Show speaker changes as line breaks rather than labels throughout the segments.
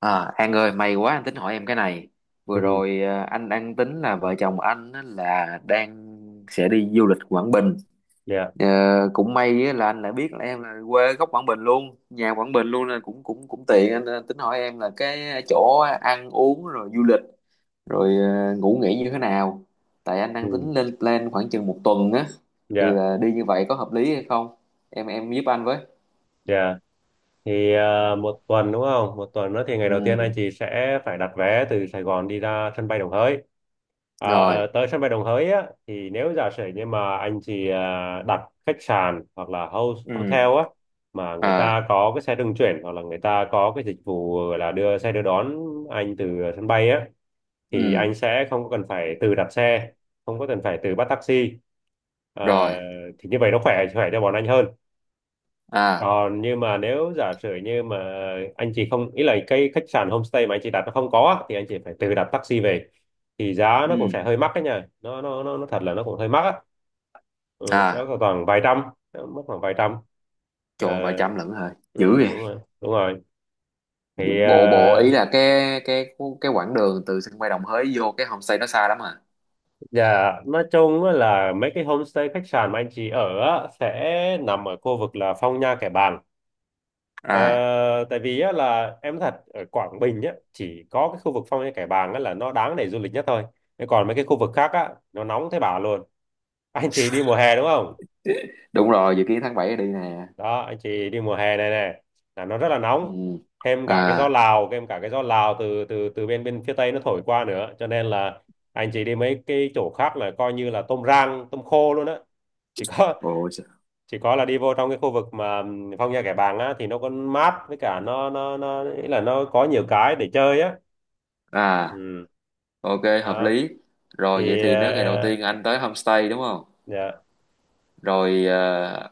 À, An ơi, may quá anh tính hỏi em cái này. Vừa
Ừ.
rồi anh đang tính là vợ chồng anh á, là đang sẽ đi du lịch Quảng Bình.
Dạ.
Ờ, cũng may á, là anh lại biết là em là quê gốc Quảng Bình luôn, nhà Quảng Bình luôn, nên cũng cũng cũng tiện anh tính hỏi em là cái chỗ ăn uống rồi du lịch rồi ngủ nghỉ như thế nào. Tại anh đang tính
Ừ.
lên plan khoảng chừng một tuần á, thì
Dạ.
là đi như vậy có hợp lý hay không? Em giúp anh với.
Dạ. Thì một tuần đúng không, một tuần nữa thì ngày đầu tiên anh
Ừ,
chị sẽ phải đặt vé từ Sài Gòn đi ra sân bay Đồng Hới. à,
rồi.
Tới sân bay Đồng Hới á thì nếu giả sử như mà anh chị đặt khách sạn hoặc là house hotel
Ừ.
á mà người
À,
ta có cái xe trung chuyển hoặc là người ta có cái dịch vụ là đưa xe đưa đón anh từ sân bay á thì
ừ,
anh sẽ không có cần phải tự đặt xe, không có cần phải tự bắt taxi. Ờ,
rồi.
thì như vậy nó khỏe khỏe cho bọn anh hơn.
À.
Còn nhưng mà nếu giả sử như mà anh chị không, ý là cái khách sạn homestay mà anh chị đặt nó không có á, thì anh chị phải tự đặt taxi về thì giá nó cũng sẽ
Ừ.
hơi mắc đấy nha, nó thật là nó cũng hơi mắc á. Ừ, đó
À,
khoảng vài trăm, nó mất khoảng vài trăm.
trời
Ờ,
ơi, vài trăm lận hả,
ừ,
dữ
đúng
vậy?
rồi, đúng rồi. Thì
Bộ bộ ý là cái quãng đường từ sân bay Đồng Hới vô cái homestay nó xa lắm à?
dạ, nói chung á là mấy cái homestay khách sạn mà anh chị ở á, sẽ nằm ở khu vực là Phong Nha Kẻ Bàng. Ờ,
À,
Tại vì á, là em nói thật ở Quảng Bình á, chỉ có cái khu vực Phong Nha Kẻ Bàng á, là nó đáng để du lịch nhất thôi. Thế còn mấy cái khu vực khác á, nó nóng thế bà luôn. Anh chị đi mùa hè đúng không?
đúng rồi, dự kiến tháng 7 đi nè.
Đó, anh chị đi mùa hè này này là nó rất là
Ừ.
nóng, thêm cả cái gió
À.
Lào, thêm cả cái gió Lào từ từ từ bên bên phía Tây nó thổi qua nữa, cho nên là anh chị đi mấy cái chỗ khác là coi như là tôm rang tôm khô luôn á. chỉ có
Bộ.
chỉ có là đi vô trong cái khu vực mà Phong Nha Kẻ Bàng á thì nó có mát, với cả nó ý là nó có nhiều cái để chơi á.
À,
Ừ.
ok, hợp
Đó.
lý. Rồi, vậy
Thì
thì nếu ngày đầu tiên anh tới homestay đúng không?
dạ.
Rồi,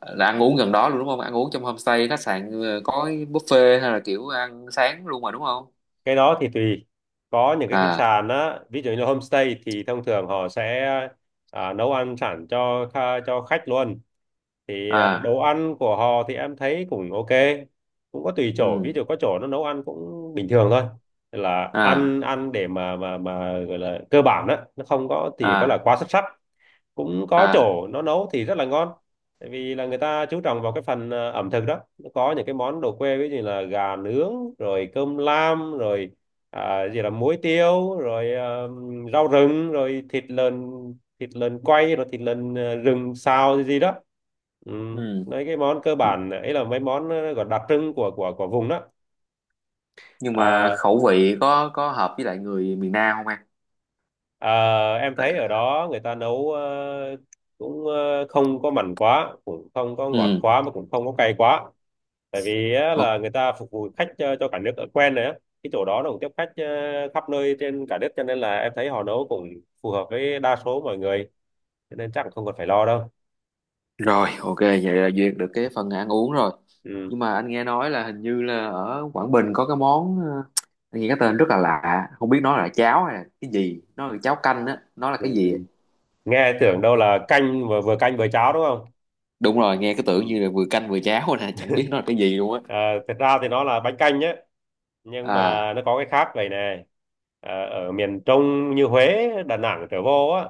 là ăn uống gần đó luôn đúng không, ăn uống trong homestay khách sạn có buffet hay là kiểu ăn sáng luôn mà đúng không?
Cái đó thì tùy. Có những cái khách
À.
sạn á ví dụ như homestay thì thông thường họ sẽ nấu ăn sẵn cho cho khách luôn. Thì
À.
đồ ăn của họ thì em thấy cũng ok. Cũng có tùy chỗ, ví
Ừ.
dụ có chỗ nó nấu ăn cũng bình thường thôi, là
À.
ăn ăn để mà gọi là cơ bản á, nó không có thì có là
À.
quá xuất sắc. Cũng có
À.
chỗ nó nấu thì rất là ngon, tại vì là người ta chú trọng vào cái phần ẩm thực đó, nó có những cái món đồ quê ví dụ như là gà nướng rồi cơm lam rồi gì là muối tiêu rồi rau rừng rồi thịt lợn, thịt lợn quay rồi thịt lợn rừng xào gì gì đó. Ừ.
Ừ.
Mấy cái món cơ bản ấy là mấy món gọi đặc trưng của vùng đó.
Nhưng mà
à,
khẩu vị có hợp với lại người miền Nam không anh?
Ờ, em
Tại-
thấy ở đó người ta nấu cũng không có mặn quá, cũng không có ngọt
Ừ.
quá mà cũng không có cay quá. Tại vì á,
Ô-
là người ta phục vụ khách cho cả nước ở quen rồi á. Cái chỗ đó nó cũng tiếp khách khắp nơi trên cả nước cho nên là em thấy họ nấu cũng phù hợp với đa số mọi người. Cho nên chắc không cần phải lo đâu.
Rồi, ok, vậy là duyệt được cái phần ăn uống rồi.
Ừ.
Nhưng mà anh nghe nói là hình như là ở Quảng Bình có cái món anh nghe cái tên rất là lạ, không biết nó là cháo hay là cái gì, nó là cháo canh á, nó là
Ừ.
cái
Ừ.
gì?
Nghe tưởng đâu là canh vừa, vừa canh vừa cháo đúng không?
Đúng rồi, nghe cái tưởng như
Ừ.
là vừa canh vừa cháo nè, chẳng biết nó là cái gì luôn á.
Ờ, Thật ra thì nó là bánh canh nhé, nhưng
À,
mà nó có cái khác vậy này. Ở miền Trung như Huế Đà Nẵng trở vô á,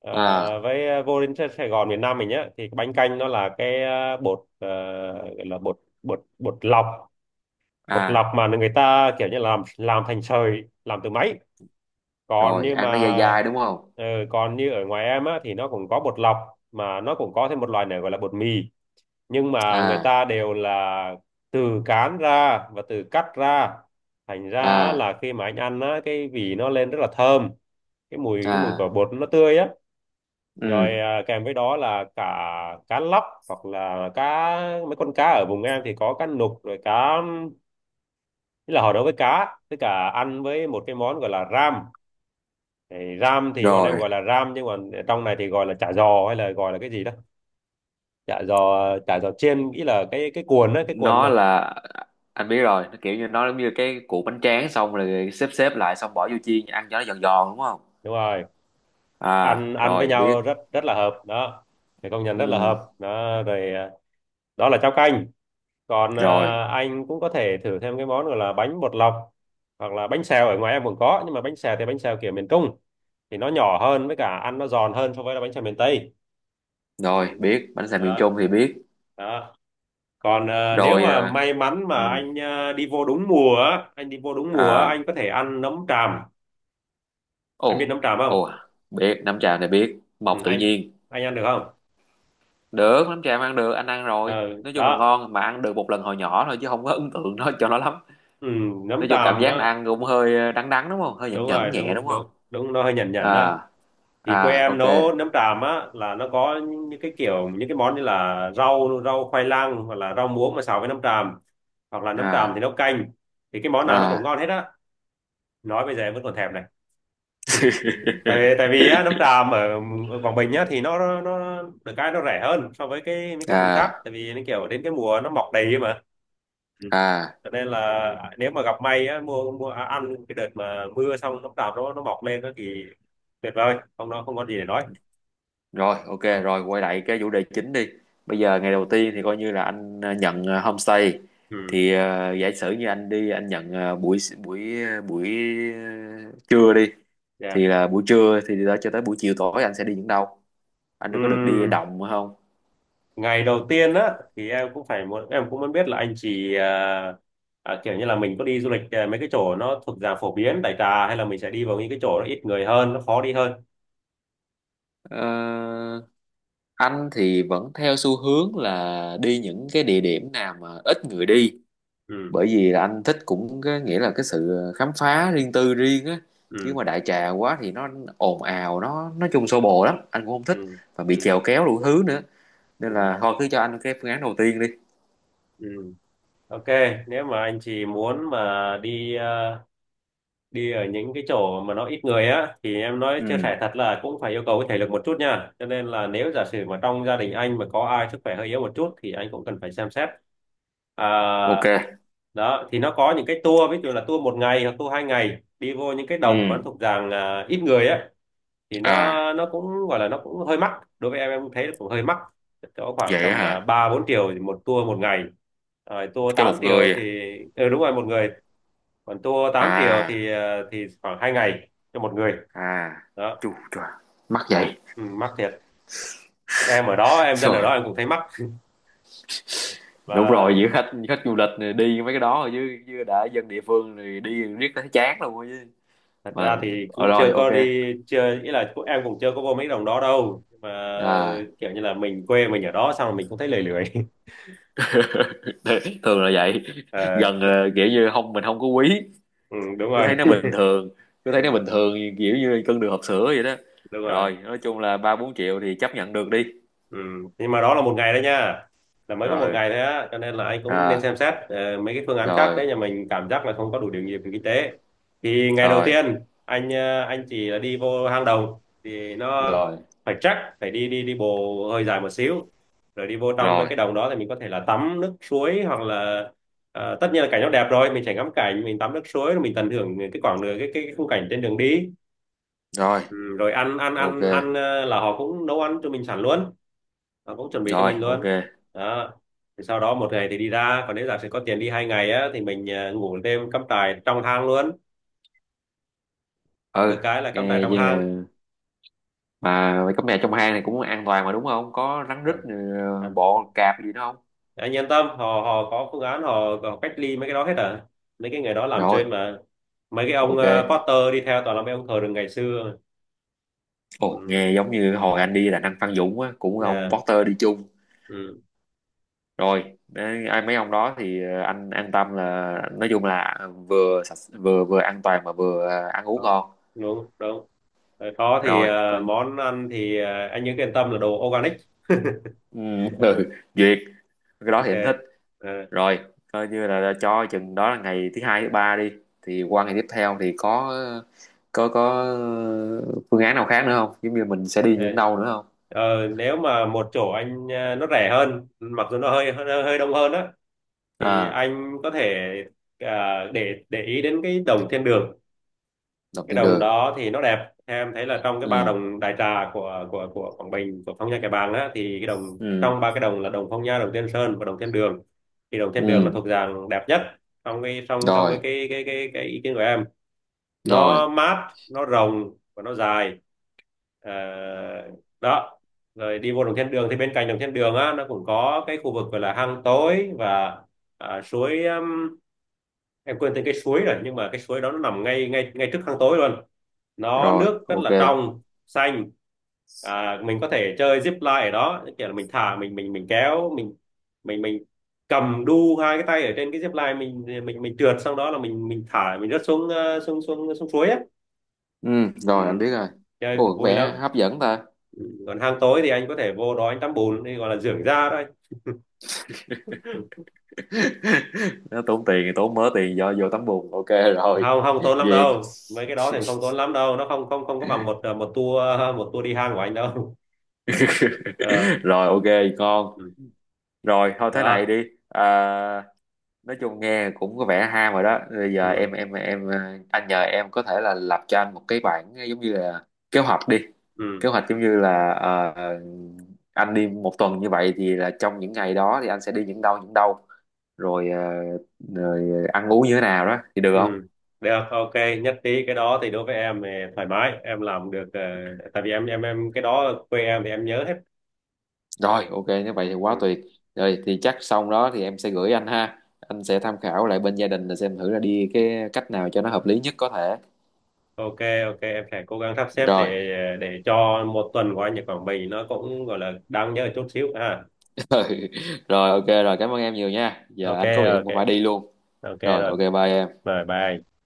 ờ,
à,
với vô đến Sài Sài Gòn miền Nam mình nhá, thì cái bánh canh nó là cái bột, gọi là bột bột bột lọc. Bột lọc
à,
mà người ta kiểu như làm thành sợi làm từ máy. còn
rồi,
như
ăn
mà
nó dai dai đúng không?
ờ, Còn như ở ngoài em á thì nó cũng có bột lọc, mà nó cũng có thêm một loại này gọi là bột mì, nhưng mà người
À,
ta đều là từ cán ra và từ cắt ra. Thành ra á,
à,
là khi mà anh ăn á cái vị nó lên rất là thơm, cái mùi quả
à,
bột nó tươi á, rồi
ừ,
kèm với đó là cả cá lóc hoặc là cá, mấy con cá ở vùng em thì có cá nục rồi cá, tức là họ nấu với cá với cả ăn với một cái món gọi là ram. Thì ram thì bọn em
rồi.
gọi là ram nhưng mà trong này thì gọi là chả giò hay là gọi là cái gì đó. Chả giò, chả giò chiên nghĩ là cái cuộn đó, cái cuộn
Nó
mà.
là anh biết rồi, nó kiểu như nó giống như cái củ bánh tráng xong rồi xếp xếp lại xong bỏ vô chiên ăn cho nó giòn giòn đúng không?
Đúng rồi,
À,
ăn ăn với
rồi
nhau
biết.
rất rất là hợp đó, thì công nhận rất là
Ừ.
hợp đó rồi. Đó là cháo canh. Còn
Rồi,
anh cũng có thể thử thêm cái món gọi là bánh bột lọc hoặc là bánh xèo, ở ngoài em cũng có. Nhưng mà bánh xèo thì bánh xèo kiểu miền Trung thì nó nhỏ hơn, với cả ăn nó giòn hơn so với là bánh xèo miền Tây. Ừ.
rồi biết bánh xèo miền
Đó.
Trung thì biết.
Đó. Còn nếu
Rồi,
mà may mắn
ừ.
mà anh đi vô đúng mùa á, anh đi vô đúng mùa á,
À.
anh có thể ăn nấm tràm. Anh biết
Ồ.
nấm tràm không?
Ồ, biết nấm trà này, biết
Ừ,
mọc tự
anh
nhiên.
anh ăn được không?
Được, nấm trà mà ăn được, anh ăn rồi,
Ờ,
nói chung là
Đó.
ngon, mà ăn được một lần hồi nhỏ thôi chứ không có ấn tượng nó cho nó lắm.
Ừ, nấm
Nói chung cảm
tràm
giác là
á,
ăn cũng hơi đắng đắng đúng không, hơi nhẫn
đúng
nhẫn
rồi,
nhẹ đúng
đúng
không?
đúng đúng, nó hơi nhẩn nhẩn á.
À.
Thì quê
À,
em
ok.
nấu nấm tràm á là nó có những cái món như là rau rau khoai lang hoặc là rau muống mà xào với nấm tràm, hoặc là nấm tràm
À.
thì nấu canh. Thì cái món nào nó cũng
À.
ngon hết á, nói bây giờ em vẫn còn thèm này, tại vì á, nấm tràm ở, ở Quảng Bình á thì nó được cái nó rẻ hơn so với cái những cái vùng khác,
À.
tại vì nó kiểu đến cái mùa nó mọc đầy ấy mà. Ừ.
À.
Cho nên là nếu mà gặp may á, mua mua à, ăn cái đợt mà mưa xong nấm tràm nó mọc lên đó thì tuyệt vời không, nó không có gì để nói.
Rồi
Ừ.
ok, rồi quay lại cái chủ đề chính đi. Bây giờ ngày đầu tiên thì coi như là anh nhận homestay,
Ừ.
thì giả sử như anh đi anh nhận ờ, buổi buổi à, buổi ờ, trưa đi, thì
Dạ.
là buổi trưa thì đó cho tới buổi chiều tối anh sẽ đi những đâu, anh có được đi
Ừ,
động không?
ngày đầu tiên á thì em cũng phải muốn em cũng muốn biết là anh chị kiểu như là mình có đi du lịch mấy cái chỗ nó thuộc dạng phổ biến đại trà hay là mình sẽ đi vào những cái chỗ nó ít người hơn, nó khó đi hơn.
Ờ, anh thì vẫn theo xu hướng là đi những cái địa điểm nào mà ít người đi,
Ừ.
bởi vì là anh thích cũng cái nghĩa là cái sự khám phá riêng tư riêng á, chứ
Ừ.
mà đại trà quá thì nó ồn ào, nó nói chung xô bồ lắm anh cũng không thích,
Ừ.
và bị
Ừ.
chèo kéo đủ thứ nữa, nên
Ừ.
là thôi cứ cho anh cái phương án đầu tiên đi.
Ừ. Ok, nếu mà anh chị muốn mà đi đi ở những cái chỗ mà nó ít người á thì em nói chia
Ừ,
sẻ thật là cũng phải yêu cầu cái thể lực một chút nha, cho nên là nếu giả sử mà trong gia đình anh mà có ai sức khỏe hơi yếu một chút thì anh cũng cần phải xem xét. à,
ok.
Đó thì nó có những cái tour ví dụ là tour một ngày hoặc tour hai ngày đi vô những cái đồng mà nó
Ừ.
thuộc dạng ít người á, thì
À,
nó cũng gọi là nó cũng hơi mắc. Đối với em thấy cũng hơi mắc. Có khoảng
vậy á
tầm
hả?
3-4 triệu thì một tour một ngày, rồi tour
Cho
8
một
triệu
người?
thì. Ừ, đúng rồi, một người. Còn tour 8 triệu
À.
thì khoảng 2 ngày cho một người.
À,
Đó.
chu trời, mắc vậy?
Ừ, mắc thiệt, em ở đó em dân ở đó
Rồi,
em cũng thấy mắc.
đúng rồi,
Và
giữa khách khách du lịch này đi mấy cái đó rồi chứ chứ đã dân địa phương thì đi riết thấy chán luôn rồi chứ.
thật
Mà
ra thì cũng
rồi
chưa
ok.
có đi, chưa ý là em cũng chưa có vô mấy đồng đó đâu. Nhưng mà
À.
kiểu như là mình quê mình ở đó xong rồi mình cũng thấy lười lười.
Thường là vậy.
Ờ,
Gần kiểu như không, mình không có quý,
ừ, đúng
cứ
rồi.
thấy nó bình thường, cứ thấy nó bình thường, kiểu như cân đường hộp sữa vậy đó.
Đúng rồi.
Rồi, nói chung là ba bốn triệu thì chấp nhận được đi.
Ừ. Nhưng mà đó là một ngày đấy nha, là mới có một
Rồi.
ngày thôi á, cho nên là anh cũng nên
À.
xem xét mấy cái phương án khác
Rồi.
đấy nhà mình, cảm giác là không có đủ điều kiện về kinh tế thì ngày đầu
Rồi.
tiên anh chỉ là đi vô hang động thì nó
Rồi.
phải, chắc phải đi đi đi bộ hơi dài một xíu, rồi đi vô trong mấy
Rồi.
cái đồng đó thì mình có thể là tắm nước suối hoặc là tất nhiên là cảnh nó đẹp rồi, mình sẽ ngắm cảnh, mình tắm nước suối rồi mình tận hưởng cái quãng đường cái khung cảnh trên đường đi.
Rồi
Ừ, rồi ăn ăn
ok.
ăn ăn ờ, là họ cũng nấu ăn cho mình sẵn luôn, nó cũng chuẩn bị cho
Rồi
mình
ok.
luôn. Đó, thì sau đó một ngày thì đi ra, còn nếu giả sử có tiền đi hai ngày á thì mình ngủ đêm cắm trại trong hang luôn.
Ừ.
Được cái là cắm trại
Nghe
trong
chứ.
hang.
Mà mày cắm nhà trong hang này cũng an toàn mà đúng không, có rắn rít,
À. À.
bọ cạp gì đó không?
Anh yên tâm, họ họ có phương án, họ cách ly mấy cái đó hết à, mấy cái người đó làm
Rồi
trên mà, mấy cái ông
ok.
Potter đi theo toàn là mấy ông thờ rừng ngày xưa.
Ồ,
Ừ.
nghe giống như hồi anh đi là anh Phan Dũng á, cũng ông
Dạ.
Potter đi chung.
Ừ.
Rồi đấy, ai mấy ông đó thì anh an tâm là nói chung là vừa sạch vừa vừa an toàn mà vừa ăn uống
Đó.
ngon.
Đúng đúng. Rồi có thì
Rồi coi.
món ăn thì anh nhớ yên tâm là đồ organic.
Ừ. Ừ, duyệt. Cái đó
Ok.
thì anh thích.
Ờ,
Rồi, coi như là cho chừng đó là ngày thứ hai thứ ba đi, thì qua ngày tiếp theo thì có phương án nào khác nữa không, giống như mình sẽ đi những
Thế,
đâu nữa không?
nếu mà một chỗ anh nó rẻ hơn mặc dù nó hơi hơi, hơi đông hơn á, thì
À,
anh có thể để ý đến cái đồng thiên đường.
động
Cái
thiên
đồng
đường.
đó thì nó đẹp, em thấy là trong cái ba
Ừ.
đồng đại trà của Quảng Bình, của Phong Nha Kẻ Bàng á, thì cái đồng
Ừ.
trong ba cái đồng là đồng Phong Nha, đồng Tiên Sơn và đồng Thiên Đường, thì đồng Thiên Đường là
Ừ.
thuộc dạng đẹp nhất trong cái trong trong
Rồi.
cái ý kiến của em. Nó
Rồi.
mát, nó rộng và nó dài. Ờ, Đó. Rồi đi vô đồng thiên đường thì bên cạnh đồng thiên đường á nó cũng có cái khu vực gọi là hang tối và suối em quên tên cái suối rồi, nhưng mà cái suối đó nó nằm ngay ngay ngay trước hang tối luôn. Nó
Rồi
nước rất
ok.
là trong xanh. Mình có thể chơi zip line ở đó, kiểu là mình thả mình mình kéo mình, mình cầm đu hai cái tay ở trên cái zip line, mình trượt xong đó là mình thả mình rớt xuống xuống suối á.
Ừ.
Ừ,
Rồi, anh biết rồi.
chơi
Ồ,
cũng
có
vui
vẻ
lắm.
hấp dẫn ta.
Ừ, còn hang tối thì anh có thể vô đó anh tắm bùn đi, gọi là dưỡng da đấy.
Nó tốn tiền, tốn mớ tiền do vô tắm bùn, ok. Rồi
Không, không tốn lắm
duyệt.
đâu, mấy cái đó thì không tốn lắm đâu, nó không không không có bằng một một tour, một tour đi hang của anh đâu. Ờ,
Rồi ok. Ngon.
ừ.
Rồi thôi thế này
Đó.
đi. À, nói chung nghe cũng có vẻ ham rồi đó. Bây giờ
Ừ.
anh nhờ em có thể là lập cho anh một cái bản giống như là kế hoạch đi,
Ừ.
kế hoạch giống như là anh đi một tuần như vậy thì là trong những ngày đó thì anh sẽ đi những đâu những đâu, rồi, rồi ăn uống như thế nào đó thì được không?
Ừ. Được, ok. Nhất trí, cái đó thì đối với em thì thoải mái em làm được. Ờ, Tại vì em cái đó ở quê em thì em nhớ hết.
Rồi, ok, nếu vậy thì quá
Ừ.
tuyệt. Rồi, thì chắc xong đó thì em sẽ gửi anh ha. Anh sẽ tham khảo lại bên gia đình là xem thử là đi cái cách nào cho nó hợp lý nhất có thể.
Ok, ok, em sẽ cố gắng sắp xếp
Rồi.
để cho một tuần của anh ở Quảng Bình nó cũng gọi là đáng nhớ chút xíu ha.
Rồi, ok, rồi, cảm ơn em nhiều nha. Giờ
Ok.
anh có việc
Ok.
cũng phải đi luôn.
Ok,
Rồi,
rồi,
ok, bye em.
rồi, bye.